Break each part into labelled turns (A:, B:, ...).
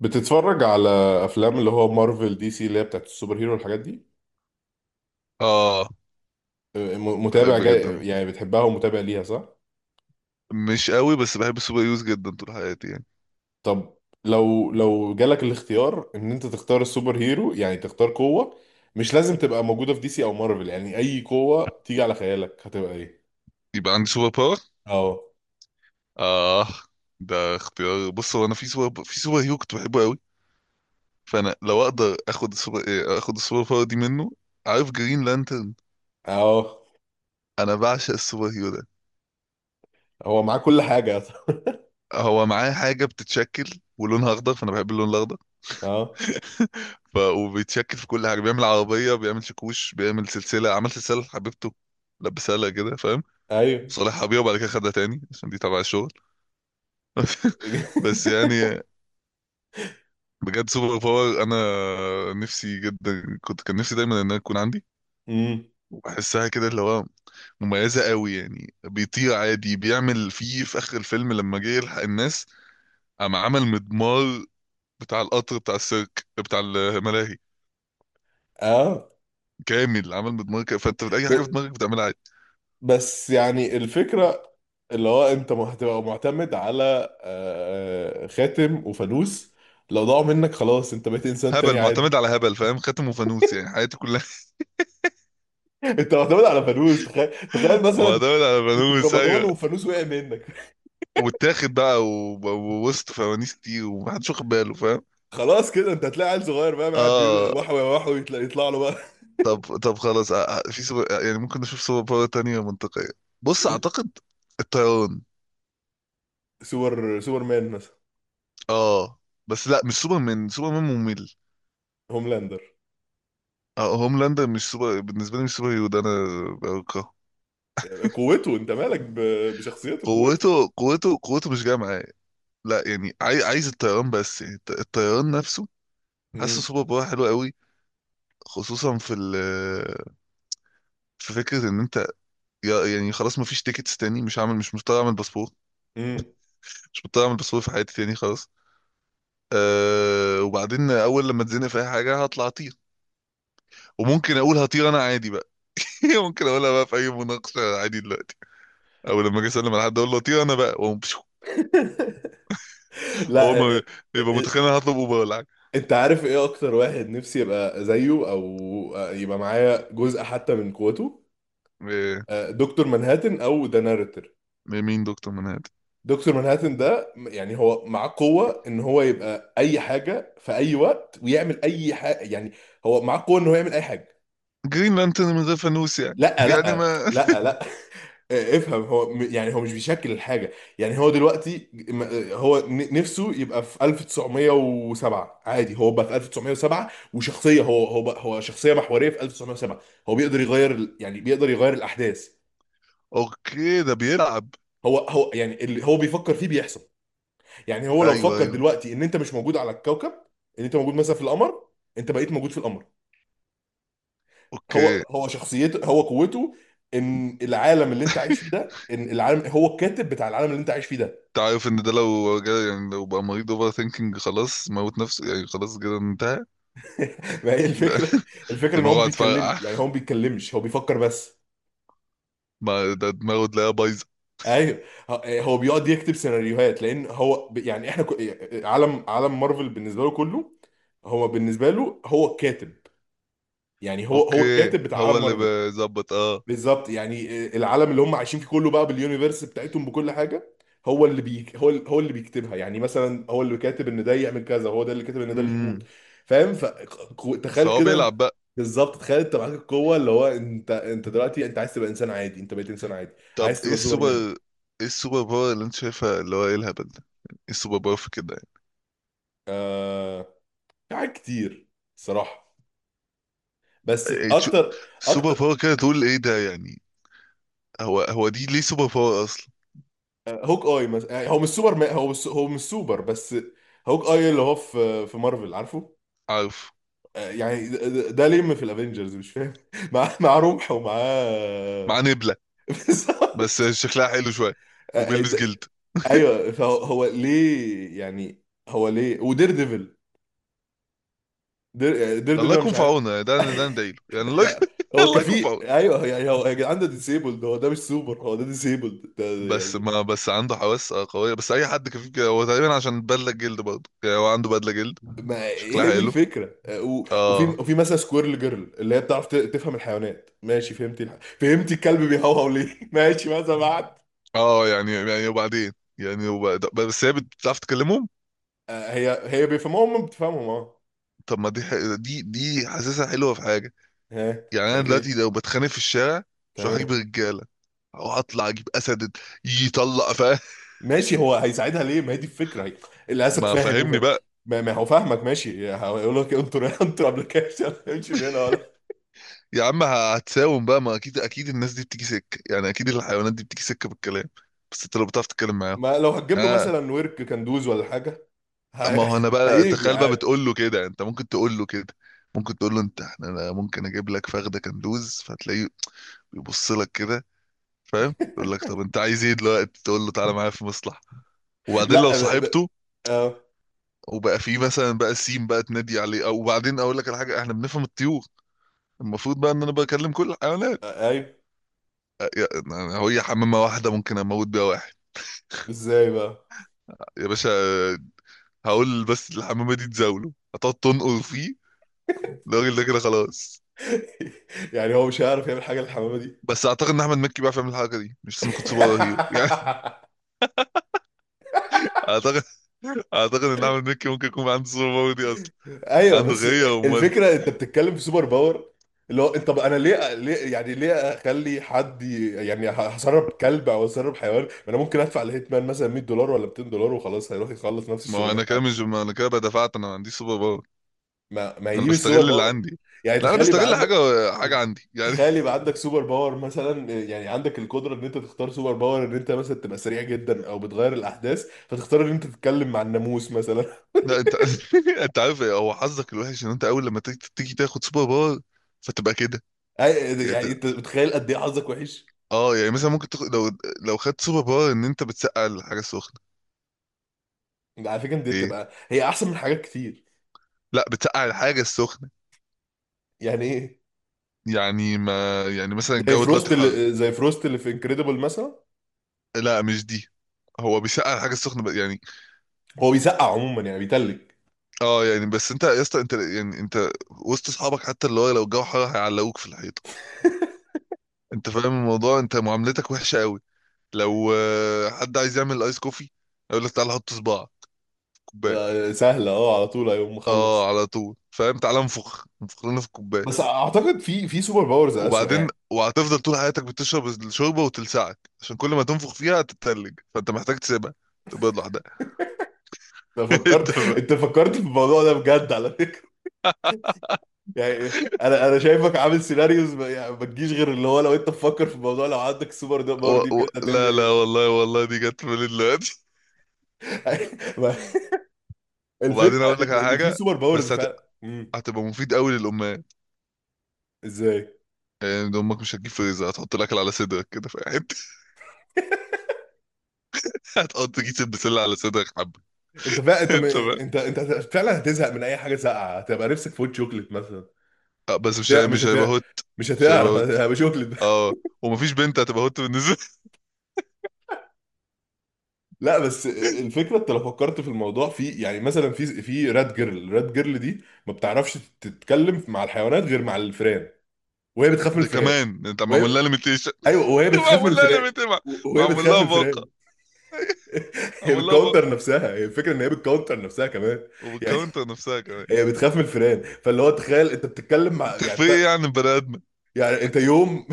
A: بتتفرج على افلام اللي هو مارفل دي سي اللي هي بتاعت السوبر هيرو والحاجات دي.
B: اه،
A: متابع
B: بحب جدا.
A: جاي، يعني بتحبها ومتابع ليها، صح؟
B: مش قوي بس بحب السوبر هيروز جدا طول حياتي يعني.
A: طب لو جالك الاختيار ان انت تختار السوبر هيرو، يعني تختار قوة. مش لازم تبقى موجودة في دي سي او مارفل، يعني اي قوة تيجي على خيالك هتبقى ايه؟
B: يبقى عندي سوبر باور.
A: اه.
B: اه، ده اختيار. بص، هو انا في سوبر هيرو كنت بحبه قوي، فانا لو اقدر اخد السوبر إيه، اخد السوبر باور دي منه. عارف جرين لانترن؟
A: اه.
B: انا بعشق السوبر هيرو ده.
A: هو معاه كل حاجة.
B: هو معاه حاجه بتتشكل ولونها اخضر، فانا بحب اللون الاخضر.
A: اه.
B: وبيتشكل في كل حاجه، بيعمل عربيه، بيعمل شاكوش، بيعمل سلسله، عمل سلسله لحبيبته، لبسها لها كده فاهم؟
A: ايوه.
B: صالحها بيها وبعد كده خدها تاني عشان دي تبع الشغل. بس يعني بجد سوبر باور انا نفسي جدا، كان نفسي دايما انها تكون عندي.
A: امم.
B: وبحسها كده اللي هو مميزه قوي يعني. بيطير عادي، بيعمل فيه في اخر الفيلم لما جه يلحق الناس، قام عمل مدمار بتاع القطر، بتاع السيرك، بتاع الملاهي،
A: اه.
B: كامل عمل مدمار كده. فانت اي حاجه في
A: ب-
B: دماغك بتعملها عادي.
A: بس يعني الفكرة اللي هو انت هتبقى معتمد على خاتم وفانوس. لو ضاعوا منك، خلاص انت بقيت انسان
B: هبل،
A: تاني عادي.
B: معتمد على هبل فاهم، خاتم وفانوس يعني حياتي كلها.
A: انت معتمد على فانوس، تخيل مثلا
B: معتمد على
A: كنت في
B: فانوس،
A: رمضان
B: ايوه.
A: وفانوس وقع منك.
B: واتاخد بقى ووسط فوانيس كتير ومحدش واخد باله فاهم؟
A: خلاص كده انت هتلاقي عيل صغير بقى قاعد بيقول
B: اه.
A: وحو يا وحو، يطلع له بقى.
B: طب طب خلاص. آه، آه، في سوبر آه، يعني ممكن نشوف سوبر باور تانية منطقية. بص، أعتقد الطيران.
A: سوبر مان مثلا؟
B: اه. بس لا، مش سوبرمان، سوبرمان ممل.
A: هوملاندر؟
B: اه هوملاندر مش سوبر بالنسبة لي، مش سوبر هيرو ده، أنا بكرهه.
A: قوته انت مالك بشخصيته، قوته.
B: قوته قوته قوته مش جاية معايا. لا يعني عايز الطيران، بس يعني الطيران نفسه. حاسه
A: مم.
B: سوبر باور حلو قوي، خصوصا في فكرة إن أنت يعني خلاص مفيش تيكتس تاني، مش مضطر أعمل باسبور.
A: مم.
B: مش مضطر أعمل باسبور في حياتي تاني خلاص. وبعدين اول لما اتزنق في اي حاجه هطلع اطير، وممكن اقول هطير انا عادي بقى. ممكن اقولها بقى في اي مناقشه عادي دلوقتي، او لما اجي اسلم على حد اقول له هطير انا بقى وأقوم بشو. هو
A: لا.
B: ما،
A: آه،
B: يبقى
A: آه،
B: متخيل انا هطلب اوبر ولا حاجه.
A: انت عارف ايه اكتر واحد نفسي يبقى زيه، او يبقى معايا جزء حتى من قوته؟
B: إيه،
A: دكتور منهاتن او ذا ناريتور.
B: مين دكتور منهد؟
A: دكتور منهاتن ده يعني هو معاه قوة ان هو يبقى اي حاجة في اي وقت ويعمل اي حاجة، يعني هو معاه قوة ان هو يعمل اي حاجة.
B: جرين لانترن من غير فانوس يعني
A: لا
B: يعني
A: لا
B: ما.
A: لا لا افهم. هو يعني هو مش بيشكل الحاجة. يعني هو دلوقتي هو نفسه يبقى في 1907 عادي. هو بقى في 1907، وشخصية، هو بقى هو شخصية محورية في 1907. هو بيقدر يغير يعني بيقدر يغير الأحداث.
B: اوكي، ده بيلعب.
A: هو يعني اللي هو بيفكر فيه بيحصل. يعني هو لو
B: ايوه،
A: فكر
B: ايوه.
A: دلوقتي ان انت مش موجود على الكوكب، ان انت موجود مثلا في القمر، انت بقيت موجود في القمر. هو
B: اوكي.
A: هو شخصيته، هو قوته ان العالم اللي انت عايش فيه ده، ان العالم هو الكاتب بتاع العالم اللي انت عايش فيه ده.
B: انت عارف ان ده يعني لو بقى مريض اوفر ثينكينج خلاص، موت نفسه يعني خلاص كده انتهى.
A: ما هي
B: ده
A: الفكره. الفكره ان هو ما
B: دماغه
A: بيتكلم،
B: هتفرقع.
A: يعني هو ما بيتكلمش، هو بيفكر بس.
B: ما ده دماغه تلاقيها بايظه.
A: ايوه. هو بيقعد يكتب سيناريوهات، لان هو يعني احنا عالم مارفل بالنسبه له كله. هو بالنسبه له هو الكاتب. يعني هو
B: اوكي،
A: الكاتب بتاع
B: هو
A: عالم
B: اللي
A: مارفل.
B: بيظبط. اه.
A: بالظبط، يعني العالم اللي هم عايشين فيه كله بقى، باليونيفرس بتاعتهم بكل حاجه، هو اللي بيك هو هو اللي بيكتبها. يعني مثلا هو اللي كاتب ان ده يعمل كذا، هو ده اللي كاتب ان ده اللي يموت.
B: امم
A: فاهم؟ فتخيل
B: فهو بيلعب
A: كده.
B: بقى.
A: بالظبط، تخيل انت معاك القوه اللي هو انت دلوقتي انت عايز تبقى انسان عادي، انت بقيت انسان عادي.
B: طب
A: عايز
B: ايه
A: تبقى
B: السوبر؟
A: سوبرمان؟
B: ايه السوبر باور اللي انت شايفها اللي هو ايه الهبل ده؟ ايه السوبر باور في كده يعني؟
A: آه، في حاجات كتير صراحه. بس
B: إيه
A: اكتر.
B: سوبر
A: اكتر.
B: باور كده تقول ايه ده يعني؟ هو هو دي ليه سوبر باور اصلا؟
A: هوك اي مثلا، يعني هو مش سوبر مان، هو مش، هو مش سوبر بس. هوك اي اللي هو في مارفل، عارفه؟
B: عارف.
A: يعني ده لم في الافنجرز، مش فاهم. مع رمح ومعاه.
B: مع نبلة، بس
A: بالظبط.
B: شكلها حلو شوية،
A: آه،
B: وبيلبس
A: ده-
B: جلد.
A: ايوه، فهو هو ليه، يعني هو ليه ودير ديفل؟ دير, دير ديفل
B: الله
A: انا
B: يكون
A: مش
B: في
A: عارف.
B: عونه يعني، ده ندعيله يعني، الله
A: يعني
B: يكون
A: هو
B: الله يكون في
A: كفي،
B: عونه.
A: ايوه. يعني هو يا جدعان ده ديسيبلد، هو ده مش سوبر، هو ده ديسيبلد ده.
B: بس
A: يعني
B: ما، بس عنده حواس قوية، بس أي حد كفيف كده هو تقريبا، عشان بدلة جلد برضه يعني، هو عنده بدلة جلد.
A: ما
B: شكلها
A: هي دي
B: حلو.
A: الفكره. وفي
B: اه.
A: مثلا سكويرل جيرل اللي هي بتعرف تفهم الحيوانات. ماشي، فهمتي فهمتي الكلب بيهوهو ليه؟ ماشي، ماذا بعد؟
B: اه يعني وبعدين، يعني بس هي بتعرف تكلمهم.
A: هي بيفهموها، هم بتفهمهم، اه.
B: طب، ما دي ح... دي دي حاسسها حلوه في حاجه.
A: ها،
B: يعني
A: مش
B: انا
A: عارف ايه.
B: دلوقتي لو بتخانق في الشارع، مش هروح
A: تمام.
B: اجيب رجاله، او اطلع اجيب اسد يطلق فاهم؟
A: ماشي، هو هيساعدها ليه؟ ما هي دي الفكره. هي الاسد
B: ما
A: فاهم،
B: فاهمني
A: وفاهم.
B: بقى.
A: ما هو فاهمك. ماشي هيقول لك انطر انطر ابلكيشن، امشي من هنا ولا.
B: يا عم هتساوم بقى، ما اكيد، اكيد الناس دي بتيجي سكه يعني، اكيد الحيوانات دي بتيجي سكه بالكلام. بس انت لو بتعرف تتكلم معاهم.
A: ما لو هتجيب له
B: اه.
A: مثلا ورك كندوز ولا حاجه.
B: ما
A: هي...
B: هو انا بقى،
A: هيجي
B: تخيل بقى
A: عادي.
B: بتقول له كده، انت ممكن تقول له كده، ممكن تقول له انت احنا انا ممكن اجيب لك فخده كندوز، فتلاقيه يبص لك كده فاهم؟ يقول لك طب انت عايز ايه دلوقتي؟ تقول له تعالى معايا في مصلحه. وبعدين لو
A: لا ب... ب...
B: صاحبته
A: اه.
B: وبقى فيه مثلا بقى سيم بقى تنادي عليه. او وبعدين اقول لك على حاجه، احنا بنفهم الطيور، المفروض بقى ان انا بكلم كل الحيوانات.
A: ايوه.
B: أ- يا- أنا- هو هي حمامه واحده ممكن اموت بيها واحد.
A: ازاي بقى؟
B: يا باشا، هقول بس الحمامه دي تزاوله، هتقعد تنقر فيه، الراجل ده كده خلاص.
A: يعني هو مش هيعرف يعمل حاجه للحمامه دي.
B: بس اعتقد ان احمد مكي بيعرف يعمل الحركه دي، مش لازم يكون سوبر هيرو يعني. اعتقد. اعتقد ان احمد مكي ممكن يكون عنده سوبر باور دي اصلا.
A: ايوه،
B: عنده
A: بس
B: غيره ومودي.
A: الفكره، انت بتتكلم في سوبر باور اللي هو انت، طب انا ليه؟ يعني ليه اخلي حد يعني هسرب كلب او هسرب حيوان، ما انا ممكن ادفع لهيتمان مثلا $100 ولا $200، وخلاص هيروح يخلص نفس
B: ما هو
A: الشغلانه،
B: انا كده
A: على
B: مش،
A: فكرة.
B: ما انا كده بدفعت، انا ما عنديش سوبر باور،
A: ما هي
B: انا
A: دي مش سوبر
B: بستغل اللي
A: باور.
B: عندي.
A: يعني
B: لا، انا
A: تخيل يبقى
B: بستغل حاجه،
A: عندك.
B: حاجه عندي يعني.
A: تخيل يبقى عندك سوبر باور مثلا، يعني عندك القدره ان انت تختار سوبر باور، ان انت مثلا تبقى سريع جدا او بتغير الاحداث، فتختار ان انت تتكلم مع الناموس مثلا؟
B: لا انت. انت عارف إيه؟ هو حظك الوحش ان انت اول لما تيجي، تاخد سوبر باور فتبقى كده.
A: أي-
B: يعني
A: يعني انت متخيل قد ايه حظك وحش؟
B: مثلا ممكن تاخد، لو لو خدت سوبر باور ان انت بتسقع الحاجه السخنه.
A: على فكره دي
B: ايه.
A: بتبقى هي احسن من حاجات كتير.
B: لا، بتسقع الحاجه السخنه.
A: يعني ايه؟
B: يعني ما يعني مثلا
A: زي
B: الجو دلوقتي
A: فروست
B: حر.
A: اللي، زي فروست اللي في انكريدبل مثلا.
B: لا، مش دي، هو بيسقع الحاجه السخنه يعني.
A: هو بيسقع عموما، يعني بيتلج.
B: اه يعني، بس انت يا اسطى، انت يعني، انت وسط اصحابك حتى اللي هو لو الجو حر هيعلقوك في الحيطه. انت فاهم الموضوع، انت معاملتك وحشه قوي. لو حد عايز يعمل ايس كوفي يقول لك تعالى حط صباع كوبايه.
A: سهله، اه، على طول هيقوم مخلص.
B: اه على طول فاهم، تعالى انفخ انفخ لنا في الكوبايه.
A: بس اعتقد في سوبر باورز اسوأ
B: وبعدين
A: يعني.
B: وهتفضل طول حياتك بتشرب الشوربه وتلسعك عشان كل ما تنفخ فيها هتتلج، فانت محتاج تسيبها تبيض لوحدها. انت فاهم.
A: انت فكرت في الموضوع ده بجد، على فكره. يعني إيه؟ انا شايفك عامل سيناريوز. ما يعني ما تجيش غير اللي هو لو انت تفكر في الموضوع، لو عندك السوبر ده
B: و...
A: باور دي بجد،
B: لا
A: هتعمل
B: لا
A: ايه؟
B: والله والله، دي جت في بالي دلوقتي.
A: ما-
B: وبعدين
A: الفكره
B: اقول لك
A: ان،
B: على
A: إن في
B: حاجه،
A: سوبر باورز
B: بس هت...
A: فعلا.
B: هتبقى مفيد قوي للامهات.
A: ازاي؟
B: يعني امك مش هتجيب فريزر، هتحط الاكل على صدرك كده في حته. هتحط كيس البسله على صدرك حبه.
A: انت فا... انت م...
B: انت بقى،
A: انت انت فعلا هتزهق من اي حاجه ساقعه، هتبقى نفسك في وش شوكليت مثلا.
B: بس
A: مش هت... مش
B: مش هيبقى
A: هت...
B: هوت.
A: مش
B: مش هيبقى
A: هتعرف.
B: هوت.
A: هتبقى شوكليت.
B: اه. ومفيش بنت هتبقى هوت بالنسبه.
A: لا، بس الفكره انت لو فكرت في الموضوع، في يعني مثلا في رات جيرل، رات جيرل دي ما بتعرفش تتكلم مع الحيوانات غير مع الفئران. وهي بتخاف من
B: ده
A: الفئران.
B: كمان انت
A: وهي
B: معمول لها ليميتيشن.
A: ايوه وهي بتخاف من
B: معمول لها
A: الفئران.
B: ليميتيشن.
A: وهي
B: معمول
A: بتخاف
B: لها
A: من الفئران.
B: باقه.
A: هي
B: معمول لها باقه
A: بتكونتر نفسها، هي الفكره ان هي بتكونتر نفسها كمان. يعني
B: وبالكاونتر نفسها كمان.
A: هي بتخاف من الفئران. فاللي هو تخيل انت بتتكلم مع
B: انت
A: يعني
B: في ايه يعني بني ادم؟
A: يعني انت يوم.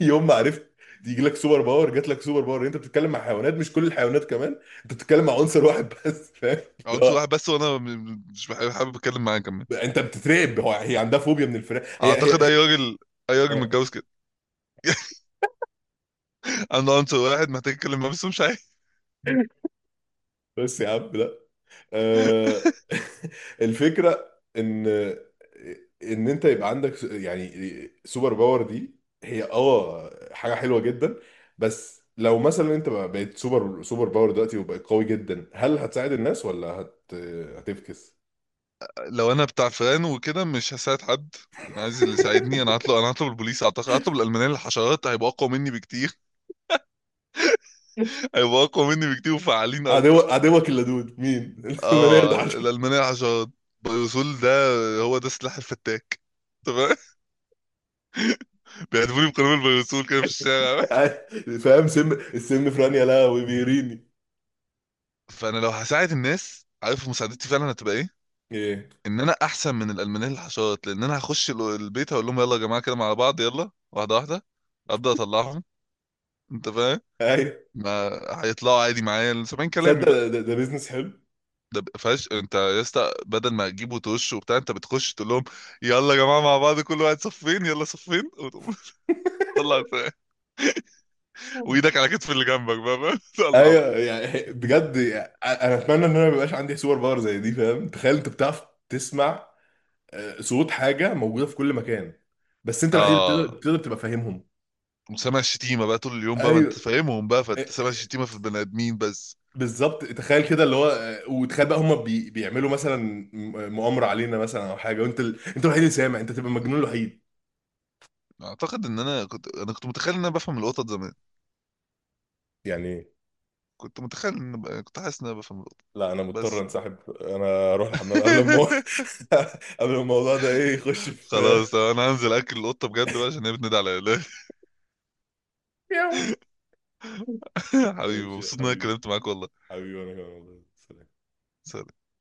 A: يوم ما عرفت يجي لك سوبر باور، جات لك سوبر باور، انت بتتكلم مع حيوانات، مش كل الحيوانات كمان، انت بتتكلم مع عنصر واحد بس، فاهم؟
B: عنصر
A: لا،
B: واحد بس، وانا مش حابب اتكلم معاه كمان.
A: انت بتترعب. هي عندها فوبيا من الفراخ. هي هي,
B: اعتقد
A: هي.
B: اي راجل، اي راجل
A: آه،
B: متجوز كده عنده عنصر واحد محتاج يتكلم معاه بس مش عارف.
A: بس يا عم لا. آه، الفكره ان، ان انت يبقى عندك يعني سوبر باور دي، هي اه حاجه حلوه جدا. بس لو مثلا انت بقيت سوبر، سوبر باور دلوقتي وبقيت قوي جدا، هل هتساعد الناس ولا هتفكس؟
B: لو انا بتاع فران وكده مش هساعد حد. انا عايز اللي يساعدني، انا هطلب، البوليس اعتقد، هطلب الالمانيه للحشرات، هيبقى اقوى مني بكتير، هيبقوا اقوى مني بكتير وفعالين اكتر.
A: عدوك اللدود مين؟ المنيل
B: اه،
A: الحشري.
B: الالمانيه حشرات، بيروسول ده، هو ده سلاح الفتاك. تمام. بيهدفوني بقنابل البيروسول كده في الشارع.
A: فاهم؟ سم السم في رانيا لا وبيريني.
B: فانا لو هساعد الناس، عارف مساعدتي فعلا هتبقى ايه؟
A: ايه.
B: ان انا احسن من الالمانيه للحشرات، لان انا هخش البيت هقول لهم يلا يا جماعه كده مع بعض، يلا واحده واحده ابدا، اطلعهم. انت فاهم.
A: ايوه.
B: ما هيطلعوا عادي معايا سامعين كلامي
A: تصدق
B: بقى.
A: ده بيزنس حلو.
B: ده فاش انت يا اسطى، بدل ما تجيبه وتوش وبتاع، انت بتخش تقول لهم يلا يا جماعه مع بعض، كل واحد صفين، يلا صفين وتقوم. طلع وايدك على كتف اللي جنبك بقى فاهم؟ طلع بقى.
A: ايوه، يعني بجد يعني، انا اتمنى ان انا ما يبقاش عندي سوبر باور زي دي. فاهم، تخيل انت بتعرف تسمع صوت حاجه موجوده في كل مكان، بس انت الوحيد اللي
B: اه.
A: بتقدر تبقى فاهمهم.
B: وسامع الشتيمه بقى طول اليوم بقى، ما
A: ايوه.
B: انت فاهمهم بقى
A: آه،
B: فانت سامع
A: آه،
B: الشتيمه في البني ادمين بس.
A: بالظبط، تخيل كده اللي هو، وتخيل بقى هم بيعملوا مثلا مؤامره علينا مثلا او حاجه، وانت انت الوحيد اللي سامع، انت تبقى المجنون الوحيد.
B: اعتقد ان انا كنت متخيل ان انا بفهم القطط زمان.
A: يعني
B: كنت متخيل كنت حاسس ان انا بفهم القطط،
A: لا، انا مضطر
B: بس.
A: انسحب، انا اروح الحمام قبل ما قبل ما الموضوع ده ايه يخش في.
B: خلاص انا هنزل اكل القطه بجد بقى عشان هي بتنادي عليا. حبيبي،
A: ماشي يا
B: مبسوط ان انا
A: حبيبي.
B: اتكلمت معاك والله.
A: حبيبي، وانا كمان والله. سلام.